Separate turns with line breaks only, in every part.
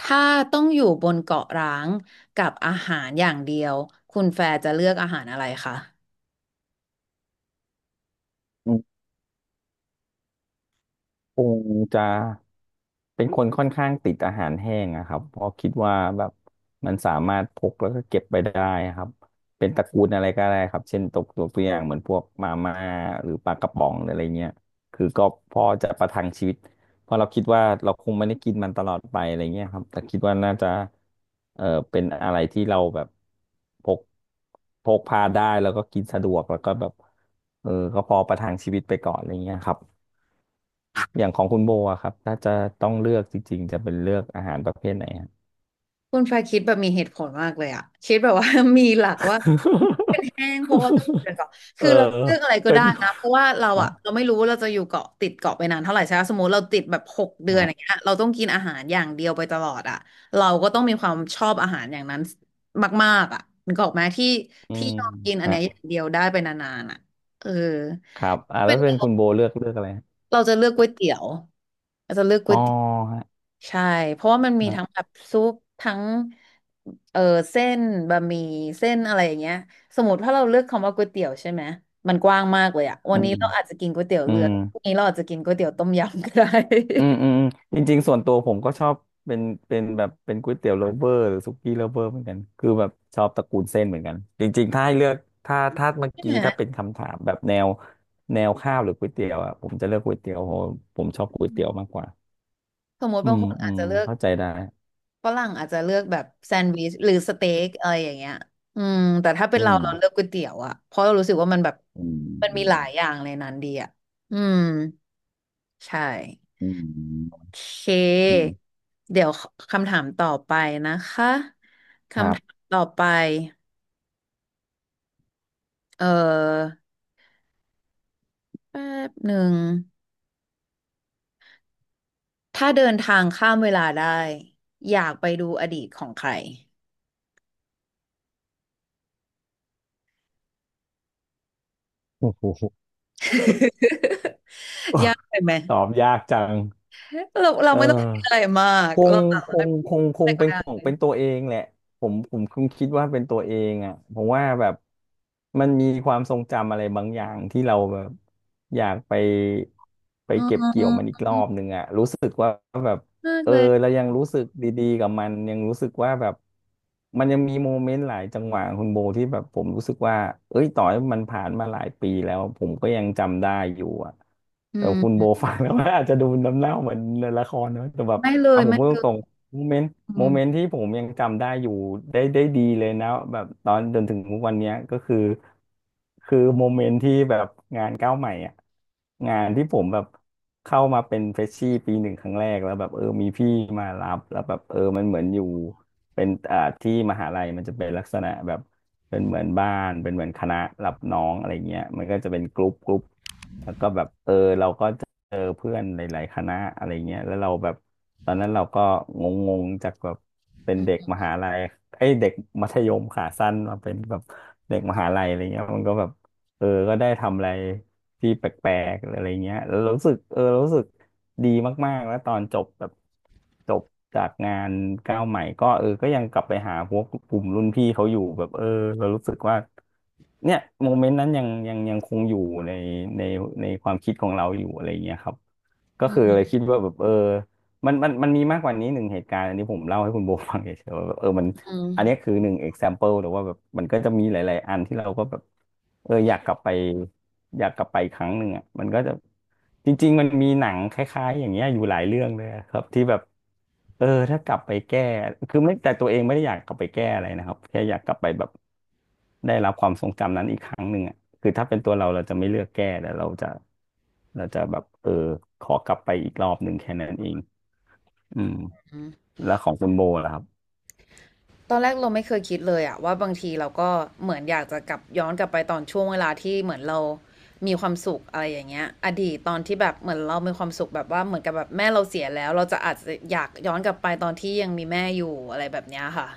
ถ้าต้องอยู่บนเกาะร้างกับอาหารอย่างเดียวคุณแฟร์จะเลือกอาหารอะไรคะ
อืมคงจะเป็นคนค่อนข้างติดอาหารแห้งอะครับเพราะคิดว่าแบบมันสามารถพกแล้วก็เก็บไปได้ครับเป็นตระกูลอะไรก็ได้ครับเช่นตกตัวอย่างเหมือนพวกมาม่าหรือปลากระป๋องหรืออะไรเงี้ยคือก็พอจะประทังชีวิตเพราะเราคิดว่าเราคงไม่ได้กินมันตลอดไปอะไรเงี้ยครับแต่คิดว่าน่าจะเออเป็นอะไรที่เราแบบพกพกพาได้แล้วก็กินสะดวกแล้วก็แบบก็พอประทังชีวิตไปก่อนอะไรเงี้ยครับ อย่างของคุณโบอะครับถ้าจะต้องเลือกจริงๆจะเป็นเลือกอาหารประเภทไหนฮะ
คุณแฟร์คิดแบบมีเหตุผลมากเลยอะคิดแบบว่า มีหลักว่า แห้งเพราะว่าต้องอยู่บนเกาะ
เอ
คื
อ
อเราเลือกอะไรก็
เป็น
ได้นะเพราะว่าเรา
อ๋อ
อะเราไม่รู้ว่าเราจะอยู่เกาะติดเกาะไปนานเท่าไหร่ใช่ไหมสมมติเราติดแบบหกเดือน
ฮะ
อย่างเงี้ยเราต้องกินอาหารอย่างเดียวไปตลอดอะเราก็ต้องมีความชอบอาหารอย่างนั้นมากๆอะนึกออกไหมที่
อื
ที่
ม
ยอมกินอันเนี้ยอ
ฮะ
ย่างเดียวได้ไปนานๆอะเออ
ครับอ่าแล้วเป็นคุณโบเลือกอะไรฮะ
เราจะเลือกก๋วยเตี๋ยวเราจะเลือกก๋
อ๋อ
วยเตี๋ยว
ฮะ
ใช่เพราะว่ามันมี
ฮะ
ทั้งแบบซุปทั้งเออเส้นบะหมี่เส้นอะไรอย่างเงี้ยสมมติถ้าเราเลือกคำว่าก๋วยเตี๋ยวใช่ไหมมันกว้างมากเลยอะวั
อื
นนี้
ม
เราอาจจะกินก๋วยเตี๋ยว
อื
เรือ
ม
พรุ่งนี้เราอาจจะกินก๋วยเตี๋ยวต้มยำก็ได้
อืมอืมอืมจริงๆส่วนตัวผมก็ชอบเป็นเป็นแบบเป็นก๋วยเตี๋ยวโ o เวอร์หรือสุกี้โลเวอร์เหมือนกันคือแบบชอบตระกูลเส้นเหมือนกันจริงๆถ้าให้เลือกถ้าเมื่อ
ใช่
กี้
ไหม
ถ้าเป็นคำถามแบบแนวแนวข้าวหรือก๋วยเตี๋ยวอ่ะผมจะเลือกก๋วยเตี๋ยวเพราะผมชอบก๋วยเตี๋ยวมากกว่า
สมมติ
อื
บาง
ม
คน
อื
อาจ
ม
จะเลือก
เข้าใจได้
ฝรั่งอาจจะเลือกแบบแซนด์วิชหรือสเต็กอะไรอย่างเงี้ยอืมแต่ถ้าเป็น
อื
เรา
ม
เราเลือกก๋วยเตี๋ยวอะเพราะเรารู้สึกว่ามันแบบ
อื
มันมีหลาย
ม
อย่างในนั้นดีอะอืมใช่
อืม
เค
อืม
เดี๋ยวคำถามต่อไปนะคะ
ครั
คำถาม
บ
ต่อไป เออแป๊บหนึ่ง ถ้าเดินทางข้ามเวลาได้ อยากไปดูอดีตของใคร
โอ้โห
ยากไปไหม
ตอบยากจัง
เรา
เออ
ไม่ต้องคิดอะไรมาก
ค
เรา
ง
สา
ค
มารถ
งคงค
ไป
ง
ก็
เป็นของ
ได้
เป็นตัวเองแหละผมคงคิดว่าเป็นตัวเองอ่ะผมว่าแบบมันมีความทรงจำอะไรบางอย่างที่เราแบบอยากไปไป
อ๋
เก็บเกี่ยวมัน
อ
อีกรอบหนึ่งอ่ะรู้สึกว่า
มาก
เออ
เลย
เรายังรู้สึกดีๆกับมันยังรู้สึกว่าแบบมันยังมีโมเมนต์หลายจังหวะคุณโบที่แบบผมรู้สึกว่าเอ้ยต่อให้มันผ่านมาหลายปีแล้วผมก็ยังจำได้อยู่อ่ะเอ
อื
อคุณโบ
ม
ฟังแล้วมันอาจจะดูน้ำเน่าเหมือนในละครนะแต่แบบ
ไม่เล
เอา
ย
ผม
ไม่
พูด
เล
ต
ย
รงๆโมเมนต์
อื
โม
ม
เมนต์ที่ผมยังจำได้อยู่ได้ดีเลยนะแบบตอนจนถึงทุกวันเนี้ยก็คือคือโมเมนต์ที่แบบงานก้าวใหม่อ่ะงานที่ผมแบบ เข้ามาเป็นเฟรชชี่ปีหนึ่งครั้งแรกแล้วแบบเออมีพี่มารับแล้วแบบเออมันเหมือนอยู่เป็นที่มหาลัยมันจะเป็นลักษณะแบบเป็นเหมือนบ้านเป็นเหมือนคณะรับน้องอะไรเงี้ยมันก็จะเป็นกรุ๊ป เจอเพื่อนหลายๆคณะอะไรเงี้ยแล้วเราแบบตอนนั้นเราก็งงๆจากแบบเป็น
อื
เด็ก
ม
มหาลัยไอ้ยเด็กมัธยมขาสั้นมาเป็นแบบเด็กมหาลัยอะไรเงี้ยมันก็แบบเออก็ได้ทำอะไรที่แปลกๆอะไรเงี้ยแล้วรู้สึกเออรู้สึกดีมากๆแล้วตอนจบแบบจบจากงานก้าวใหม่ก็เออก็ยังกลับไปหาพวกกลุ่มรุ่นพี่เขาอยู่แบบเออเรารู้สึกว่า เนี่ยโมเมนต์นั้นยังคงอยู่ในในในความคิดของเราอยู่อะไรอย่างเงี้ยครับก็
อื
คือ
ม
เลยคิดว่าแบบเออมันมีมากกว่านี้หนึ่งเหตุการณ์อันนี้ผมเล่าให้คุณโบฟังเฉยๆว่าแบบเออมัน อันนี้
อ
คือหนึ่ง example หรือว่าแบบมันก็จะมีหลายๆอันที่เราก็แบบเอออยากกลับไปอยากกลับไปอีกครั้งหนึ่งอ่ะมันก็จะจริงๆมันมีหนังคล้ายๆอย่างเงี้ยอยู่หลายเรื่องเลยอะครับที่แบบเออถ้ากลับไปแก้คือไม่แต่ตัวเองไม่ได้อยากกลับไปแก้อะไรนะครับแค่อยากกลับไปแบบได้รับความทรงจำนั้นอีกครั้งหนึ่งอ่ะคือถ้าเป็นตัวเราเราจะไม่เลือกแก้แต่เราจะแบบเออขอกลับไปอีกรอบหนึ่งแค่นั้นเองอืม
ืม
แล้วของคุณโบล่ะครับ
ตอนแรกเราไม่เคยคิดเลยอะว่าบางทีเราก็เหมือนอยากจะกลับย้อนกลับไปตอนช่วงเวลาที่เหมือนเรามีความสุขอะไรอย่างเงี้ยอดีตตอนที่แบบเหมือนเรามีความสุขแบบว่าเหมือนกับแบบแม่เราเสียแล้วเราจะอาจจะอยากย้อนกลับไปตอนที่ยังมีแม่อยู่อะไรแบบเนี้ยค่ะ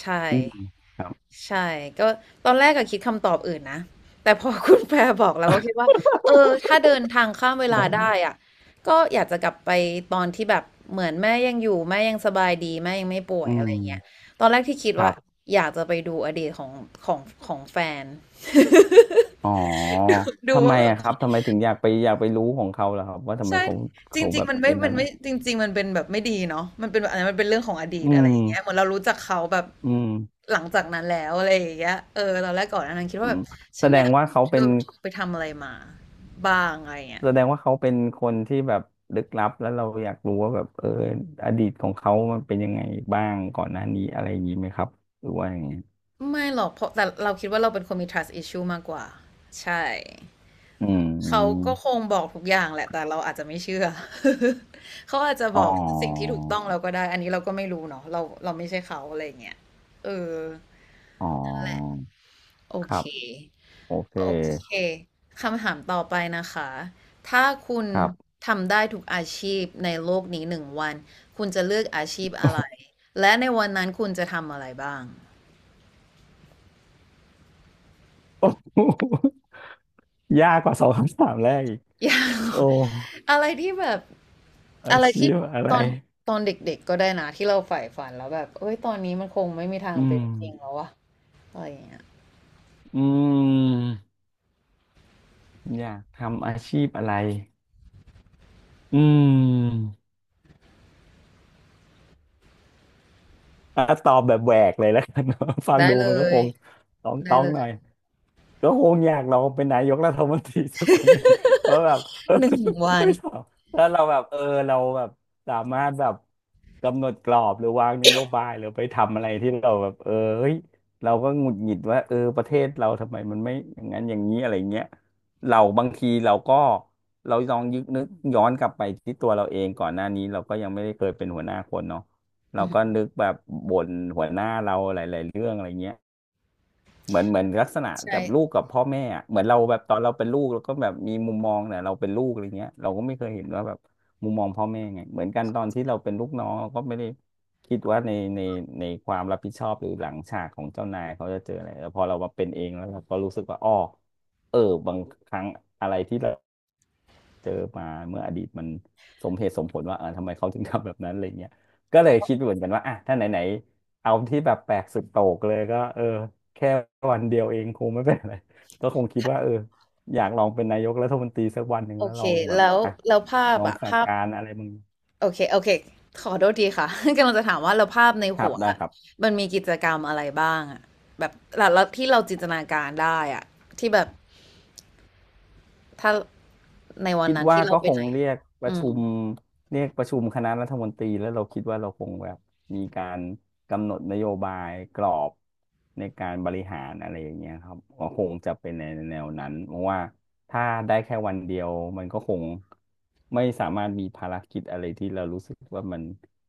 ใช่
อืมครั
ใช่ก็ตอนแรกก็คิดคำตอบอื่นนะแต่พอ คุณแพรบอกเราก็คิดว่าเออถ้าเดินทางข้ามเวลาได้
บ
อะก็อยากจะกลับไปตอนที่แบบเหมือนแม่ยังอยู่แม่ยังสบายดีแม่ยังไม่ป่ว
อื
ยอะไร
ม
เงี้ยตอนแรกที่คิด
ครั
ว่า
บ
อยากจะไปดูอดีตของของของแฟน
อ๋อ
ดู
ทำไม
ว่าแบบ
อะครับทำไมถึงอยากไปรู้ของเขาล่ะครับว่าทำไม
ใช่
เขา
จริ
แบ
ง
บ
ๆมันไม่
เป็นนั้
มัน
นเนี่
ไม่
ย
จริงๆมันเป็นแบบไม่ดีเนาะมันเป็นแบบอันนั้นมันเป็นเรื่องของอดี
อื
ตอะไร
ม
อย่างเงี้ยเหมือนเรารู้จักเขาแบบ
อืม
หลังจากนั้นแล้วอะไรอย่างเงี้ยเออตอนแรกก่อนอันนั้นคิด
อื
ว่าแบ
ม
บ
แส
ฉัน
ด
อยา
ง
ก
ว่า
รู้
เขา
เธ
เป็น
อเธอไปทำอะไรมาบ้างอะไรเงี้ย
แสดงว่าเขาเป็นคนที่แบบลึกลับแล้วเราอยากรู้ว่าแบบเอออดีตของเขามันเป็นยังไงบ้างก่อนหน้านี้อะไรอย่างนี้ไหมครับหรือว่าอย่างไง
ไม่หรอกเพราะแต่เราคิดว่าเราเป็นคนมี trust issue มากกว่าใช่
อื
เขาก็
ม
คงบอกทุกอย่างแหละแต่เราอาจจะไม่เชื่อ เขาอาจจะบ
อ๋อ
อกสิ่งที่ถูกต้องเราก็ได้อันนี้เราก็ไม่รู้เนาะเราไม่ใช่เขาอะไรอย่างเงี้ยเออ
อ๋อ
โอ
ครั
เค
บโอเค
โอเคคำถามต่อไปนะคะ ถ้าคุณ
ครับ
ทำได้ทุกอาชีพในโลกนี้หนึ่งวัน คุณจะเลือกอาชีพอะไร และในวันนั้นคุณจะทำอะไรบ้าง
โอ้โหยากกว่าสองคำถามแรกอีก
อยากรู้
โอ้
อะไรที่แบบ
อา
อะไร
ชี
ที่
พอะไร
ตอนตอนเด็กๆก็ได้นะที่เราใฝ่ฝันแล้วแบบเอ้ยตอนนี้มันคงไม่มีทาง
อื
เป็
ม
นจริงแล้ววะอะไรอย่างเงี้ย
อืมอยากทำอาชีพอะไร อืมอ่ะตอบแบบแหวกเลยแล้วกัน ฟัง
ได้
ดู
เล
มันก็ค
ย
งต้อง
ได้
ต้อง
เล
หน่อ
ย
ย ก็คงอยากเราเป็นนายกรัฐมนตรีสักวันหนึ่ง เพราะแบบ เออ
หนึ่งวั
ไม่
น
ชอบถ้าเราแบบเราแบบสามารถแบบกำหนดกรอบหรือวางนโยบายหรือไปทำอะไรที่เราแบบเฮ้ยเราก็หงุดหงิดว่าเออประเทศเราทำไมมันไม่อย่างนั้นอย่างนี้อะไรเงี้ยเราบางทีเราก็เราลองยึกนึกย้อนกลับไปที่ตัวเราเองก่อนหน้านี้เราก็ยังไม่ได้เคยเป็นหัวหน้าคนเนาะ
อื
เรา
อหื
ก็
อ
นึกแบบบ่นหัวหน้าเราหลายๆเรื่องอะไรเงี้ย เหมือนลักษณะ
ใช
แบบลูก
่
กับพ่อแม่อะเหมือนเราแบบตอนเราเป็นลูกเราก็แบบมีมุมมองเนี่ยเราเป็นลูกอะไรเงี้ยเราก็ไม่เคยเห็นว่าแบบมุมมองพ่อแม่ไงเหมือนกันตอนที่เราเป็นลูกน้องเราก็ไม่ได้คิดว่าในในในความรับผิดชอบหรือหลังฉากของเจ้านายเขาจะเจออะไรแต่พอเรามาเป็นเองแล้วเราก็รู้สึกว่าอ้อเออบางครั้งอะไรที่เรา เจอมาเมื่ออดีตมันสมเหตุสมผลว่าเออทำไมเขาถึงทำแบบนั้นอะไรเงี้ยก็เลยคิดเหมือนกันว่าอ่ะถ้าไหนๆเอาที่แบบแปลกสุดโต่งเลยก็เออแค่วันเดียวเองคงไม่เป็นไรก็คงคิดว่าเอออยากลองเป็นนายกรัฐมนตรีสักวันหนึ่ง
โอ
แล้ว
เค
ลองแบบ
แล้ว
อ่ะ
แล้วภาพ
ลอง
อะ
สั่ง
ภาพ
การอะไรมึง
โอเค โอเค ขอโทษทีค่ะ กำลังจะถามว่าเราภาพใน
ครั
หั
บ
ว
ได้
อะ
ครับ
มันมีกิจกรรมอะไรบ้างอะแบบแล้วที่เราจินตนาการได้อะที่แบบ ถ้าในวัน
คิด
นั้น
ว่า
ที่เรา
ก็
ไป
ค
ไห
ง
น
เรียกประ
อื
ชุ
ม
มเรียกประชุมคณะรัฐมนตรีแล้วเราคิดว่าเราคงแบบมีการกำหนดนโยบายกรอบในการบริหารอะไรอย่างเงี้ยครับก็คงจะเป็นในแนวนั้นเพราะว่าถ้าได้แค่วันเดียวมันก็คงไม่สามารถมีภารกิจอะไรที่เรารู้สึกว่ามัน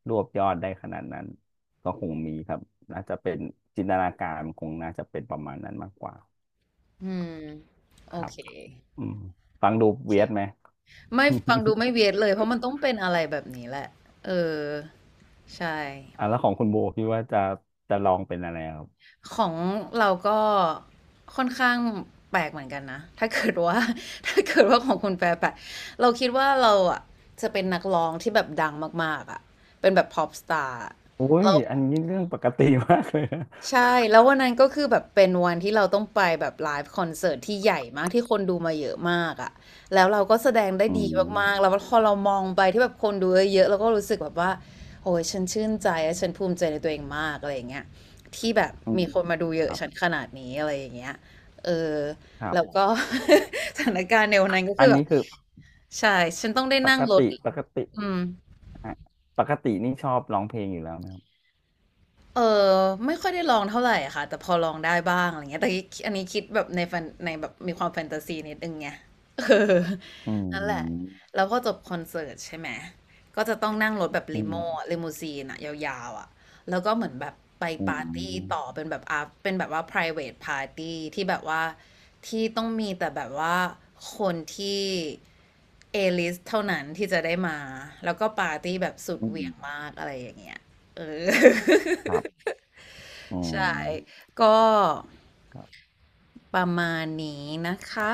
รวบยอดได้ขนาดนั้นก็คงมีครับน่าจะเป็นจินตนาการคงน่าจะเป็นประมาณนั้นมากกว่า
อืมโอ
ครับ
เค
อืมฟังดู
โอเค
เวียดไหม
ไม่ฟังดู ไม่เวียดเลย เพราะมันต้องเป็นอะไรแบบนี้แหละ เออ ใช่
อ่ะแล้วของคุณโบคิดว่าจะจะลองเป็นอะไรครับ
ของเราก็ค่อนข้างแปลกเหมือนกันนะถ้าเกิดว่า ถ้าเกิดว่าของคุณแปลกเราคิดว่าเราอ่ะจะเป็นนักร้องที่แบบดังมากๆอ่ะเป็นแบบ pop star
โอ้
แล้
ย
ว
อันนี้เรื่องปกติมากเลยนะ
ใช่แล้ววันนั้นก็คือแบบเป็นวันที่เราต้องไปแบบไลฟ์คอนเสิร์ตที่ใหญ่มากที่คนดูมาเยอะมากอ่ะแล้วเราก็แสดงได้
อื
ดี
ม
มากๆแล้วพอเรามองไปที่แบบคนดูเยอะๆเราก็รู้สึกแบบว่าโอ้ยฉันชื่นใจและฉันภูมิใจในตัวเองมากอะไรอย่างเงี้ยที่แบบ
อืม
มีคนมาดูเย
ค
อะ
รั
ฉัน
บ
ขนาดนี้อะไรอย่างเงี้ยเออ
ครับ
แล้วก็ สถานการณ์ในวันนั้นก็
อั
คือ
น
แบ
นี้
บ
คือ
ใช่ฉันต้องได้
ป
นั่ง
ก
รถ
ติปกติ
อืม
ฮะปกตินี่ชอบร้องเพลงอยู่แล้วไหมครับ
เออไม่ค่อยได้ลองเท่าไหร่ค่ะแต่พอลองได้บ้างอะไรเงี้ยแต่อันนี้คิดแบบในแฟนในแบบมีความแฟนตาซีนิดนึงไง เออ
อื
นั่นแหละ
ม
แล้วพอจบคอนเสิร์ตใช่ไหมก็จะต้องนั่งรถแบบ
อื
ลิ
ม
โม่ลิมูซีนอะยาวๆอะแล้วก็เหมือนแบบไป
อื
ปาร์ตี้
ม
ต่อเป็นแบบอาเป็นแบบว่า private party ที่แบบว่าที่ต้องมีแต่แบบว่าคนที่เอลิสเท่านั้นที่จะได้มาแล้วก็ปาร์ตี้แบบสุด
อื
เหวี่ยง
ม
มากอะไรอย่างเงี้ยเออ
ครับอื
ใช่
ม
ก็ประมาณนี้นะคะ